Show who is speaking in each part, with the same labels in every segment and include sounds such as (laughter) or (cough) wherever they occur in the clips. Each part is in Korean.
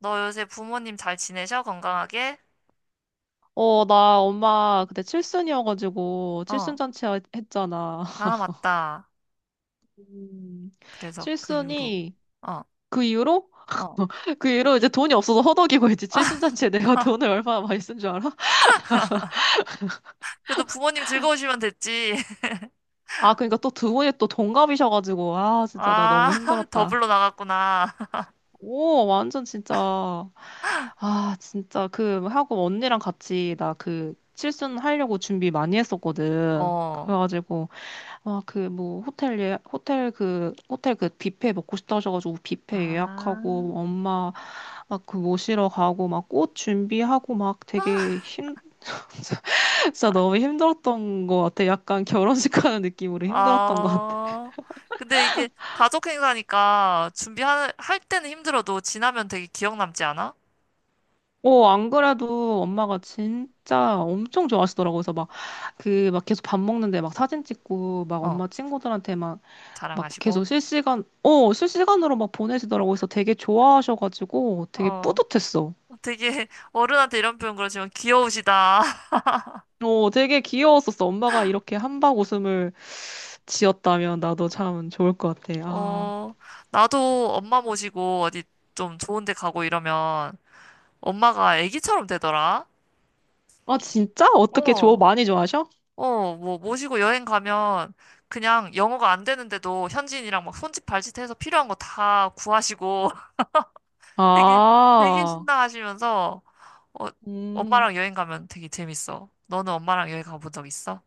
Speaker 1: 너 요새 부모님 잘 지내셔? 건강하게?
Speaker 2: 어, 나 엄마 그때 칠순이어가지고
Speaker 1: 어,
Speaker 2: 칠순 잔치 했잖아. (laughs)
Speaker 1: 아, 맞다.
Speaker 2: 음,
Speaker 1: 그래서 그 이후로.
Speaker 2: 칠순이
Speaker 1: 어,
Speaker 2: 그 이후로
Speaker 1: 어.
Speaker 2: (laughs) 그 이후로 이제 돈이 없어서 허덕이고 있지. 칠순 잔치에 내가 (laughs) 돈을
Speaker 1: (laughs)
Speaker 2: 얼마나 많이 쓴 줄 알아?
Speaker 1: 그래도 부모님 즐거우시면 됐지. (laughs)
Speaker 2: 아, 그러니까 또 두 분이 또 동갑이셔가지고 아, 진짜 나
Speaker 1: 아,
Speaker 2: 너무
Speaker 1: (laughs) 더블로
Speaker 2: 힘들었다.
Speaker 1: 나갔구나. (laughs)
Speaker 2: 오, 완전 진짜. 아, 진짜 그 하고 언니랑 같이 나 그 칠순 하려고 준비 많이 했었거든.
Speaker 1: 어.
Speaker 2: 그래가지고 아, 그, 뭐, 호텔 그 뷔페 먹고 싶다 하셔가지고, 뷔페
Speaker 1: 아,
Speaker 2: 예약하고, 엄마, 막 그 모시러 가고, 막 꽃 준비하고, (laughs) 진짜 너무 힘들었던 것 같아. 약간 결혼식 가는 느낌으로 힘들었던 것 같아.
Speaker 1: 아. 근데 이게 가족 행사니까 준비할 할 때는 힘들어도 지나면 되게 기억 남지 않아?
Speaker 2: 어, 안 그래도 엄마가 진짜 엄청 좋아하시더라고. 그래서 막, 그, 막 계속 밥 먹는데 막 사진 찍고, 막
Speaker 1: 어,
Speaker 2: 엄마 친구들한테 막, 막 계속
Speaker 1: 자랑하시고.
Speaker 2: 실시간으로 막 보내시더라고. 그래서 되게 좋아하셔가지고 되게
Speaker 1: 어,
Speaker 2: 뿌듯했어.
Speaker 1: 되게 (laughs) 어른한테 이런 표현 그러지만 귀여우시다.
Speaker 2: 어, 되게 귀여웠었어. 엄마가 이렇게 함박 웃음을 지었다면 나도 참 좋을 것 같아. 아,
Speaker 1: 어, 나도 엄마 모시고 어디 좀 좋은 데 가고 이러면 엄마가 애기처럼 되더라.
Speaker 2: 아 진짜? 어떻게 좋아?
Speaker 1: 어.
Speaker 2: 많이 좋아하셔?
Speaker 1: 어, 뭐 모시고 여행 가면 그냥 영어가 안 되는데도 현지인이랑 막 손짓 발짓 해서 필요한 거 다 구하시고 (laughs) 되게, 되게
Speaker 2: 아,
Speaker 1: 신나하시면서 어,
Speaker 2: 음.
Speaker 1: 엄마랑 여행 가면 되게 재밌어. 너는 엄마랑 여행 가본 적 있어?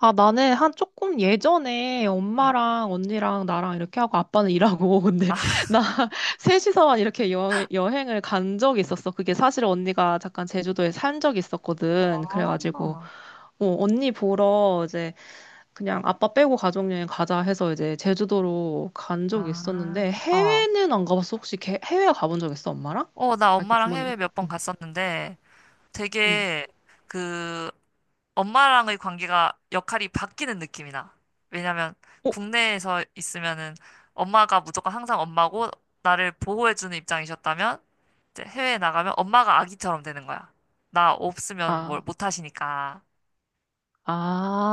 Speaker 2: 아, 나는 한 조금 예전에
Speaker 1: 응.
Speaker 2: 엄마랑 언니랑 나랑 이렇게 하고 아빠는 일하고 (laughs) 근데
Speaker 1: 아,
Speaker 2: 나 (laughs) 셋이서만 이렇게 여행을 간 적이 있었어. 그게 사실 언니가 잠깐 제주도에 산 적이 있었거든.
Speaker 1: 어,
Speaker 2: 그래가지고 어, 언니 보러 이제 그냥 아빠 빼고 가족여행 가자 해서 이제 제주도로 간 적이
Speaker 1: 아,
Speaker 2: 있었는데
Speaker 1: 어.
Speaker 2: 해외는 안 가봤어. 혹시 해외 가본 적 있어, 엄마랑?
Speaker 1: 어, 나
Speaker 2: 아, 이렇게
Speaker 1: 엄마랑
Speaker 2: 부모님.
Speaker 1: 해외 몇 번
Speaker 2: 응.
Speaker 1: 갔었는데
Speaker 2: 응.
Speaker 1: 되게 그 엄마랑의 관계가 역할이 바뀌는 느낌이 나. 왜냐면
Speaker 2: 어?
Speaker 1: 국내에서 있으면은 엄마가 무조건 항상 엄마고 나를 보호해주는 입장이셨다면 이제 해외에 나가면 엄마가 아기처럼 되는 거야. 나 없으면 뭘
Speaker 2: 아,
Speaker 1: 못 하시니까.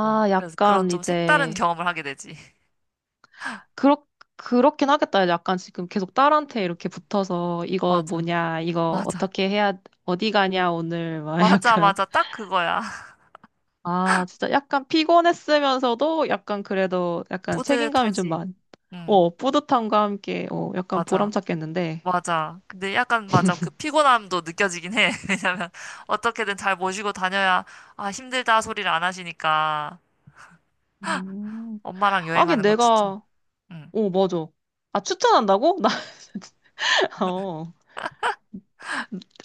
Speaker 1: 어, 그래서 그런
Speaker 2: 약간
Speaker 1: 좀 색다른
Speaker 2: 이제
Speaker 1: 경험을 하게 되지. (laughs)
Speaker 2: 그렇 그렇긴 하겠다. 약간 지금 계속 딸한테 이렇게 붙어서 이거
Speaker 1: 맞아,
Speaker 2: 뭐냐, 이거
Speaker 1: 맞아,
Speaker 2: 어떻게 해야 어디 가냐 오늘 막 (laughs)
Speaker 1: 맞아,
Speaker 2: 약간
Speaker 1: 맞아. 딱 그거야. (laughs)
Speaker 2: 아, 진짜 약간 피곤했으면서도 약간 그래도 약간 책임감이 좀
Speaker 1: 뿌듯하지.
Speaker 2: 많.
Speaker 1: 응,
Speaker 2: 어, 뿌듯함과 함께 어, 약간 보람
Speaker 1: 맞아.
Speaker 2: 찾겠는데.
Speaker 1: 맞아. 근데 약간 맞아. 그 피곤함도 느껴지긴 해. (laughs) 왜냐면 어떻게든 잘 모시고 다녀야 아 힘들다 소리를 안 하시니까
Speaker 2: 음.
Speaker 1: 엄마랑
Speaker 2: 하긴
Speaker 1: 여행하는 거 추천.
Speaker 2: 내가,
Speaker 1: 응.
Speaker 2: 어, 맞아. 아, 추천한다고? (laughs) 나, 진짜, 어,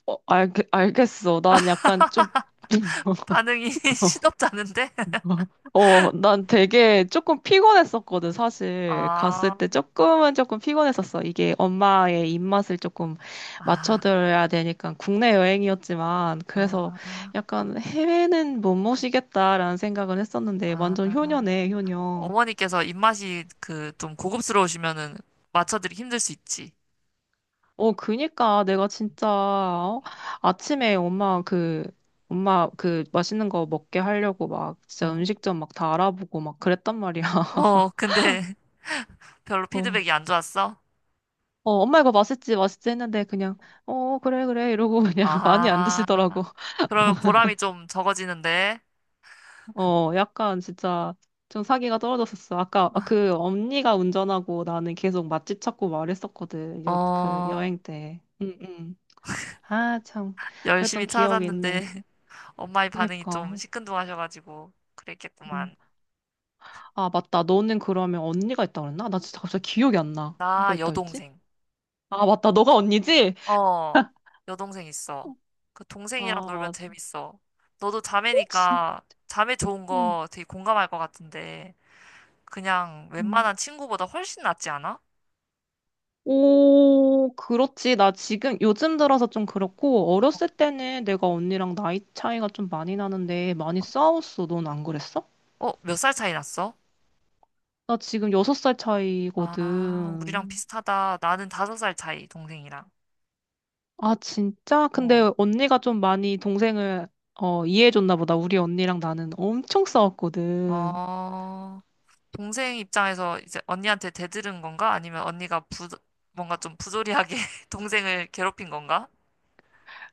Speaker 2: 어, 알겠어. 난 약간 좀, (laughs)
Speaker 1: 반응이 (laughs) 시덥지 않은데? (laughs)
Speaker 2: 어, 난 되게 조금 피곤했었거든, 사실. 갔을
Speaker 1: 아,
Speaker 2: 때 조금은 조금 피곤했었어. 이게 엄마의 입맛을 조금
Speaker 1: 아,
Speaker 2: 맞춰드려야 되니까 국내 여행이었지만, 그래서
Speaker 1: 아,
Speaker 2: 약간 해외는 못 모시겠다라는 생각은 했었는데, 완전
Speaker 1: 아.
Speaker 2: 효녀네, 효녀.
Speaker 1: 어머니께서 입맛이 그 좀 고급스러우시면은 맞춰드리기 힘들 수 있지.
Speaker 2: 어, 그니까 내가 진짜 어? 아침에 엄마 그 맛있는 거 먹게 하려고 막 진짜
Speaker 1: 어.
Speaker 2: 음식점 막 다 알아보고 막 그랬단 말이야. (laughs)
Speaker 1: 어, 근데 (laughs) 별로
Speaker 2: 어.
Speaker 1: 피드백이 안 좋았어?
Speaker 2: 어, 엄마 이거 맛있지, 맛있지 했는데 그냥 어, 그래, 그래 이러고 그냥 (laughs) 많이 안
Speaker 1: 아,
Speaker 2: 드시더라고.
Speaker 1: 그러면 보람이 좀 적어지는데.
Speaker 2: 어, 약간 진짜 좀 사기가 떨어졌었어. 아까 그 언니가 운전하고 나는 계속 맛집 찾고 말했었거든. 그
Speaker 1: 어.
Speaker 2: 여행 때. 응, 응. 아, 참.
Speaker 1: 열심히
Speaker 2: 그랬던 기억이
Speaker 1: 찾았는데
Speaker 2: 있네.
Speaker 1: (laughs) 엄마의 반응이 좀
Speaker 2: 그니까.
Speaker 1: 시큰둥하셔가지고
Speaker 2: 어.
Speaker 1: 그랬겠구만.
Speaker 2: 아, 맞다. 너는 그러면 언니가 있다 그랬나? 나 진짜 갑자기 기억이 안 나. 누가
Speaker 1: 나
Speaker 2: 있다 했지?
Speaker 1: 여동생.
Speaker 2: 아, 맞다. 너가 언니지?
Speaker 1: 어,
Speaker 2: (laughs)
Speaker 1: 여동생 있어. 그 동생이랑
Speaker 2: 아,
Speaker 1: 놀면
Speaker 2: 맞아.
Speaker 1: 재밌어. 너도
Speaker 2: 혹시?
Speaker 1: 자매니까 자매 좋은
Speaker 2: 응.
Speaker 1: 거 되게 공감할 것 같은데 그냥
Speaker 2: 응.
Speaker 1: 웬만한 친구보다 훨씬 낫지 않아?
Speaker 2: 오, 그렇지. 나 지금 요즘 들어서 좀 그렇고, 어렸을 때는 내가 언니랑 나이 차이가 좀 많이 나는데 많이 싸웠어. 넌 안 그랬어?
Speaker 1: 어, 몇 살 차이 났어?
Speaker 2: 나 지금 6살
Speaker 1: 아, 우리랑
Speaker 2: 차이거든.
Speaker 1: 비슷하다. 나는 다섯 살 차이, 동생이랑.
Speaker 2: 아, 진짜?
Speaker 1: 어.
Speaker 2: 근데 언니가 좀 많이 동생을 어, 이해해줬나 보다. 우리 언니랑 나는 엄청 싸웠거든.
Speaker 1: 어, 동생 입장에서 이제 언니한테 대들은 건가? 아니면 뭔가 좀 부조리하게 (laughs) 동생을 괴롭힌 건가?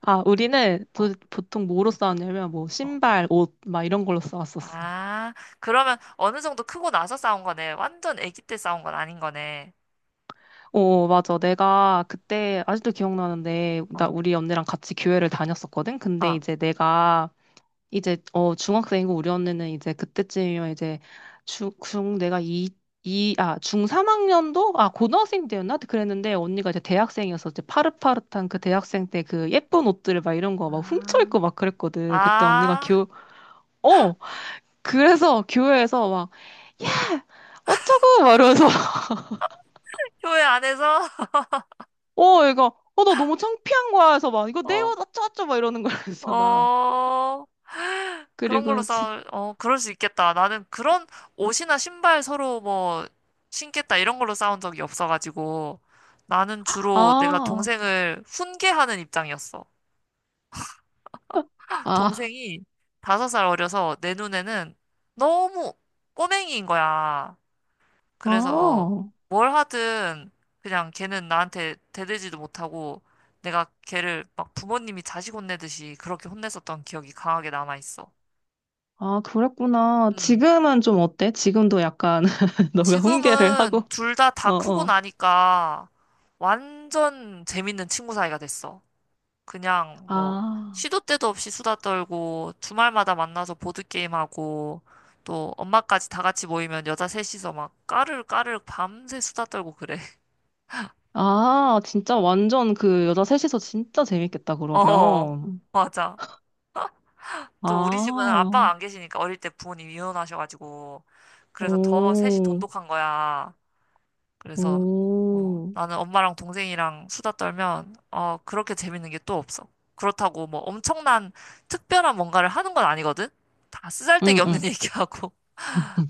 Speaker 2: 아, 우리는
Speaker 1: 어,
Speaker 2: 도, 보통 뭐로 싸웠냐면, 뭐,
Speaker 1: 어.
Speaker 2: 신발, 옷, 막 이런 걸로 싸웠었어.
Speaker 1: 아, 그러면 어느 정도 크고 나서 싸운 거네. 완전 아기 때 싸운 건 아닌 거네.
Speaker 2: 어, 어, 맞아. 내가 그때, 아직도 기억나는데, 나
Speaker 1: 어,
Speaker 2: 우리 언니랑 같이 교회를 다녔었거든? 근데
Speaker 1: 어.
Speaker 2: 이제 내가, 이제, 어, 중학생이고 우리 언니는 이제 그때쯤이면 이제, 중, 중, 내가 이, 이, 아, 중 3학년도? 아, 고등학생 때였나? 그랬는데, 언니가 이제 대학생이어서 이제 파릇파릇한 그 대학생 때 그 예쁜 옷들을 막 이런 거 막
Speaker 1: 아,
Speaker 2: 훔쳐입고 막 그랬거든. 그때 언니가
Speaker 1: 아,
Speaker 2: 교, 어! 그래서 교회에서 막, 야! 어쩌고! 막 이러면서, (laughs)
Speaker 1: 교회 안에서?
Speaker 2: 어, 얘가, 어, 나 너무 창피한 거야. 해서 막, 이거
Speaker 1: (laughs)
Speaker 2: 내
Speaker 1: 어,
Speaker 2: 옷 어쩌어쩌! 막 이러는 거야. 그래서 나.
Speaker 1: 어, (gasps) 그런 걸로
Speaker 2: 그리고, 진
Speaker 1: 그럴 수 있겠다. 나는 그런 옷이나 신발 서로 뭐 신겠다 이런 걸로 싸운 적이 없어가지고 나는 주로 내가
Speaker 2: 아,
Speaker 1: 동생을 훈계하는 입장이었어.
Speaker 2: 아,
Speaker 1: 동생이 다섯 살 어려서 내 눈에는 너무 꼬맹이인 거야. 그래서
Speaker 2: 아,
Speaker 1: 뭘 하든 그냥 걔는 나한테 대들지도 못하고 내가 걔를 막 부모님이 자식 혼내듯이 그렇게 혼냈었던 기억이 강하게 남아있어.
Speaker 2: 아, 그랬구나.
Speaker 1: 음.
Speaker 2: 지금은 좀 어때? 지금도 약간, (laughs) 너가 훈계를
Speaker 1: 지금은
Speaker 2: 하고,
Speaker 1: 둘 다 다
Speaker 2: 어,
Speaker 1: 크고
Speaker 2: 어.
Speaker 1: 나니까 완전 재밌는 친구 사이가 됐어. 그냥 뭐
Speaker 2: 아,
Speaker 1: 시도 때도 없이 수다 떨고 주말마다 만나서 보드게임하고 또 엄마까지 다 같이 모이면 여자 셋이서 막 까르르까르르 밤새 수다 떨고 그래. (laughs)
Speaker 2: 아, 진짜 완전 그 여자 셋이서 진짜 재밌겠다,
Speaker 1: 어,
Speaker 2: 그러면.
Speaker 1: 맞아. 또 우리 집은 아빠가
Speaker 2: 아,
Speaker 1: 안 계시니까 어릴 때 부모님 이혼하셔가지고 그래서 더 셋이
Speaker 2: 오,
Speaker 1: 돈독한 거야. 그래서
Speaker 2: 오,
Speaker 1: 나는 엄마랑 동생이랑 수다 떨면 그렇게 재밌는 게 또 없어. 그렇다고 뭐 엄청난 특별한 뭔가를 하는 건 아니거든? 다 쓰잘데기
Speaker 2: 응,
Speaker 1: 없는 (laughs)
Speaker 2: 응.
Speaker 1: 얘기하고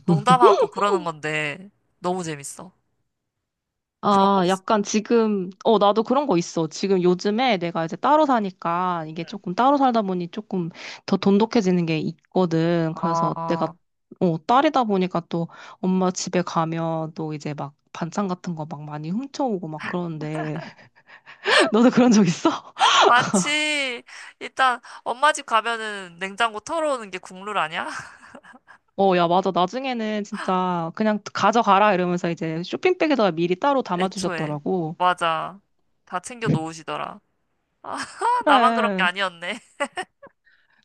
Speaker 1: 농담하고 그러는 건데 너무 재밌어. 그런 거
Speaker 2: 아,
Speaker 1: 없어.
Speaker 2: 약간 지금, 어, 나도 그런 거 있어. 지금 요즘에 내가 이제 따로 사니까 이게 조금 따로 살다 보니 조금 더 돈독해지는 게 있거든. 그래서 내가,
Speaker 1: 어,
Speaker 2: 어, 딸이다 보니까 또 엄마 집에 가면 또 이제 막 반찬 같은 거 막 많이 훔쳐오고 막 그러는데. (laughs) 너도 그런 적 있어? (laughs)
Speaker 1: 많지. 일단 엄마 집 가면은 냉장고 털어오는 게 국룰 아니야? (laughs)
Speaker 2: 어, 야, 맞아. 나중에는 진짜 그냥 가져가라 이러면서 이제 쇼핑백에다가 미리 따로
Speaker 1: 애초에.
Speaker 2: 담아주셨더라고.
Speaker 1: 맞아. 다 챙겨 놓으시더라. (laughs) 아, 나만 그런 게
Speaker 2: 그래.
Speaker 1: 아니었네.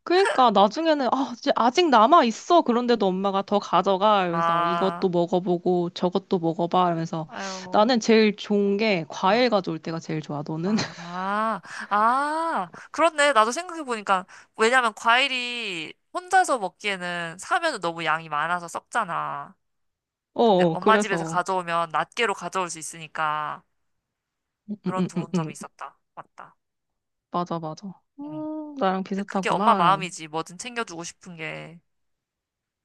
Speaker 2: 그러니까 나중에는 아, 이제 아직 남아 있어. 그런데도 엄마가 더 가져가 이러면서 이것도
Speaker 1: 아,
Speaker 2: 먹어보고 저것도 먹어봐 이러면서
Speaker 1: 아유.
Speaker 2: 나는 제일 좋은 게
Speaker 1: 아.
Speaker 2: 과일 가져올 때가 제일 좋아. 너는? (laughs)
Speaker 1: 아, 아, 그렇네. 나도 생각해보니까, 왜냐면 과일이 혼자서 먹기에는 사면은 너무 양이 많아서 썩잖아.
Speaker 2: 어,
Speaker 1: 근데
Speaker 2: 어,
Speaker 1: 엄마 집에서
Speaker 2: 그래서
Speaker 1: 가져오면 낱개로 가져올 수 있으니까
Speaker 2: 음,
Speaker 1: 그런
Speaker 2: 음, 음,
Speaker 1: 좋은 점이
Speaker 2: 음.
Speaker 1: 있었다. 맞다.
Speaker 2: 맞아, 맞아.
Speaker 1: 응.
Speaker 2: 나랑
Speaker 1: 근데 그게 엄마
Speaker 2: 비슷하구만.
Speaker 1: 마음이지. 뭐든 챙겨주고 싶은 게.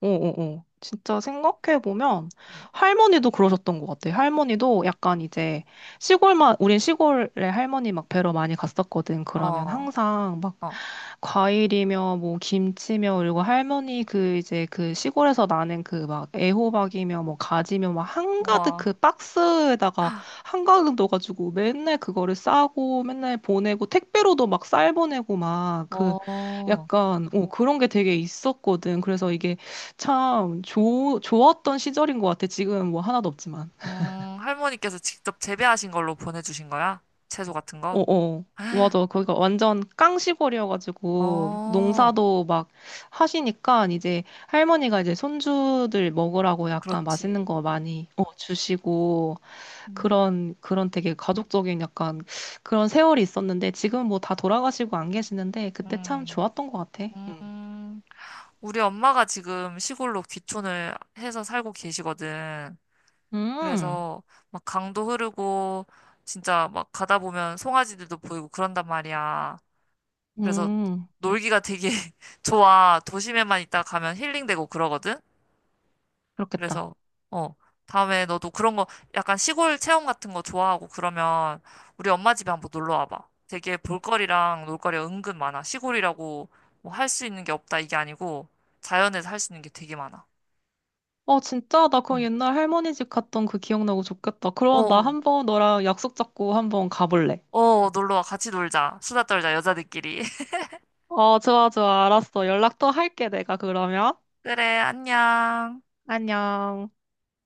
Speaker 2: 어어어. 진짜 생각해보면
Speaker 1: 응.
Speaker 2: 할머니도 그러셨던 것 같아. 할머니도 약간 이제 시골만, 우린 시골에 할머니 막 뵈러 많이 갔었거든. 그러면
Speaker 1: 어,
Speaker 2: 항상 막
Speaker 1: 어,
Speaker 2: 과일이며 뭐 김치며 그리고 할머니 그 이제 그 시골에서 나는 그 막 애호박이며 뭐 가지며 막 한가득
Speaker 1: 우와,
Speaker 2: 그 박스에다가 한가득 넣어가지고 맨날 그거를 싸고 맨날 보내고 택배로도 막 쌀 보내고 막 그
Speaker 1: 어,
Speaker 2: 약간 어 그런 게 되게 있었거든. 그래서 이게 참 좋았던 시절인 것 같아. 지금 뭐 하나도 없지만.
Speaker 1: 할머니께서 직접 재배하신 걸로 보내주신 거야? 채소 같은 거?
Speaker 2: 어어. 맞아. 거기가 완전 깡시골이어가지고
Speaker 1: 어,
Speaker 2: 농사도 막 하시니까 이제 할머니가 이제 손주들 먹으라고 약간 맛있는
Speaker 1: 그렇지.
Speaker 2: 거 많이 어, 주시고
Speaker 1: 음,
Speaker 2: 그런 그런 되게 가족적인 약간 그런 세월이 있었는데 지금 뭐 다 돌아가시고 안 계시는데 그때 참
Speaker 1: 음.
Speaker 2: 좋았던 것 같아. 음.
Speaker 1: 음, 우리 엄마가 지금 시골로 귀촌을 해서 살고 계시거든.
Speaker 2: 음.
Speaker 1: 그래서 막 강도 흐르고 진짜 막 가다 보면 송아지들도 보이고 그런단 말이야. 그래서
Speaker 2: 음.
Speaker 1: 놀기가 되게 (laughs) 좋아. 도심에만 있다 가면 힐링되고 그러거든.
Speaker 2: 그렇겠다.
Speaker 1: 그래서, 어, 다음에 너도 그런 거, 약간 시골 체험 같은 거 좋아하고 그러면 우리 엄마 집에 한번 놀러 와봐. 되게 볼거리랑 놀거리가 은근 많아. 시골이라고 뭐 할 수 있는 게 없다 이게 아니고 자연에서 할 수 있는 게 되게 많아.
Speaker 2: 어, 진짜? 나 그거 옛날 할머니 집 갔던 그 기억나고 좋겠다.
Speaker 1: 어,
Speaker 2: 그럼 나
Speaker 1: 어,
Speaker 2: 한번 너랑 약속 잡고 한번 가볼래.
Speaker 1: 어, 놀러 와. 같이 놀자. 수다 떨자, 여자들끼리. (laughs)
Speaker 2: 어, 좋아, 좋아. 알았어. 연락 또 할게, 내가 그러면.
Speaker 1: 그래, 안녕.
Speaker 2: 안녕.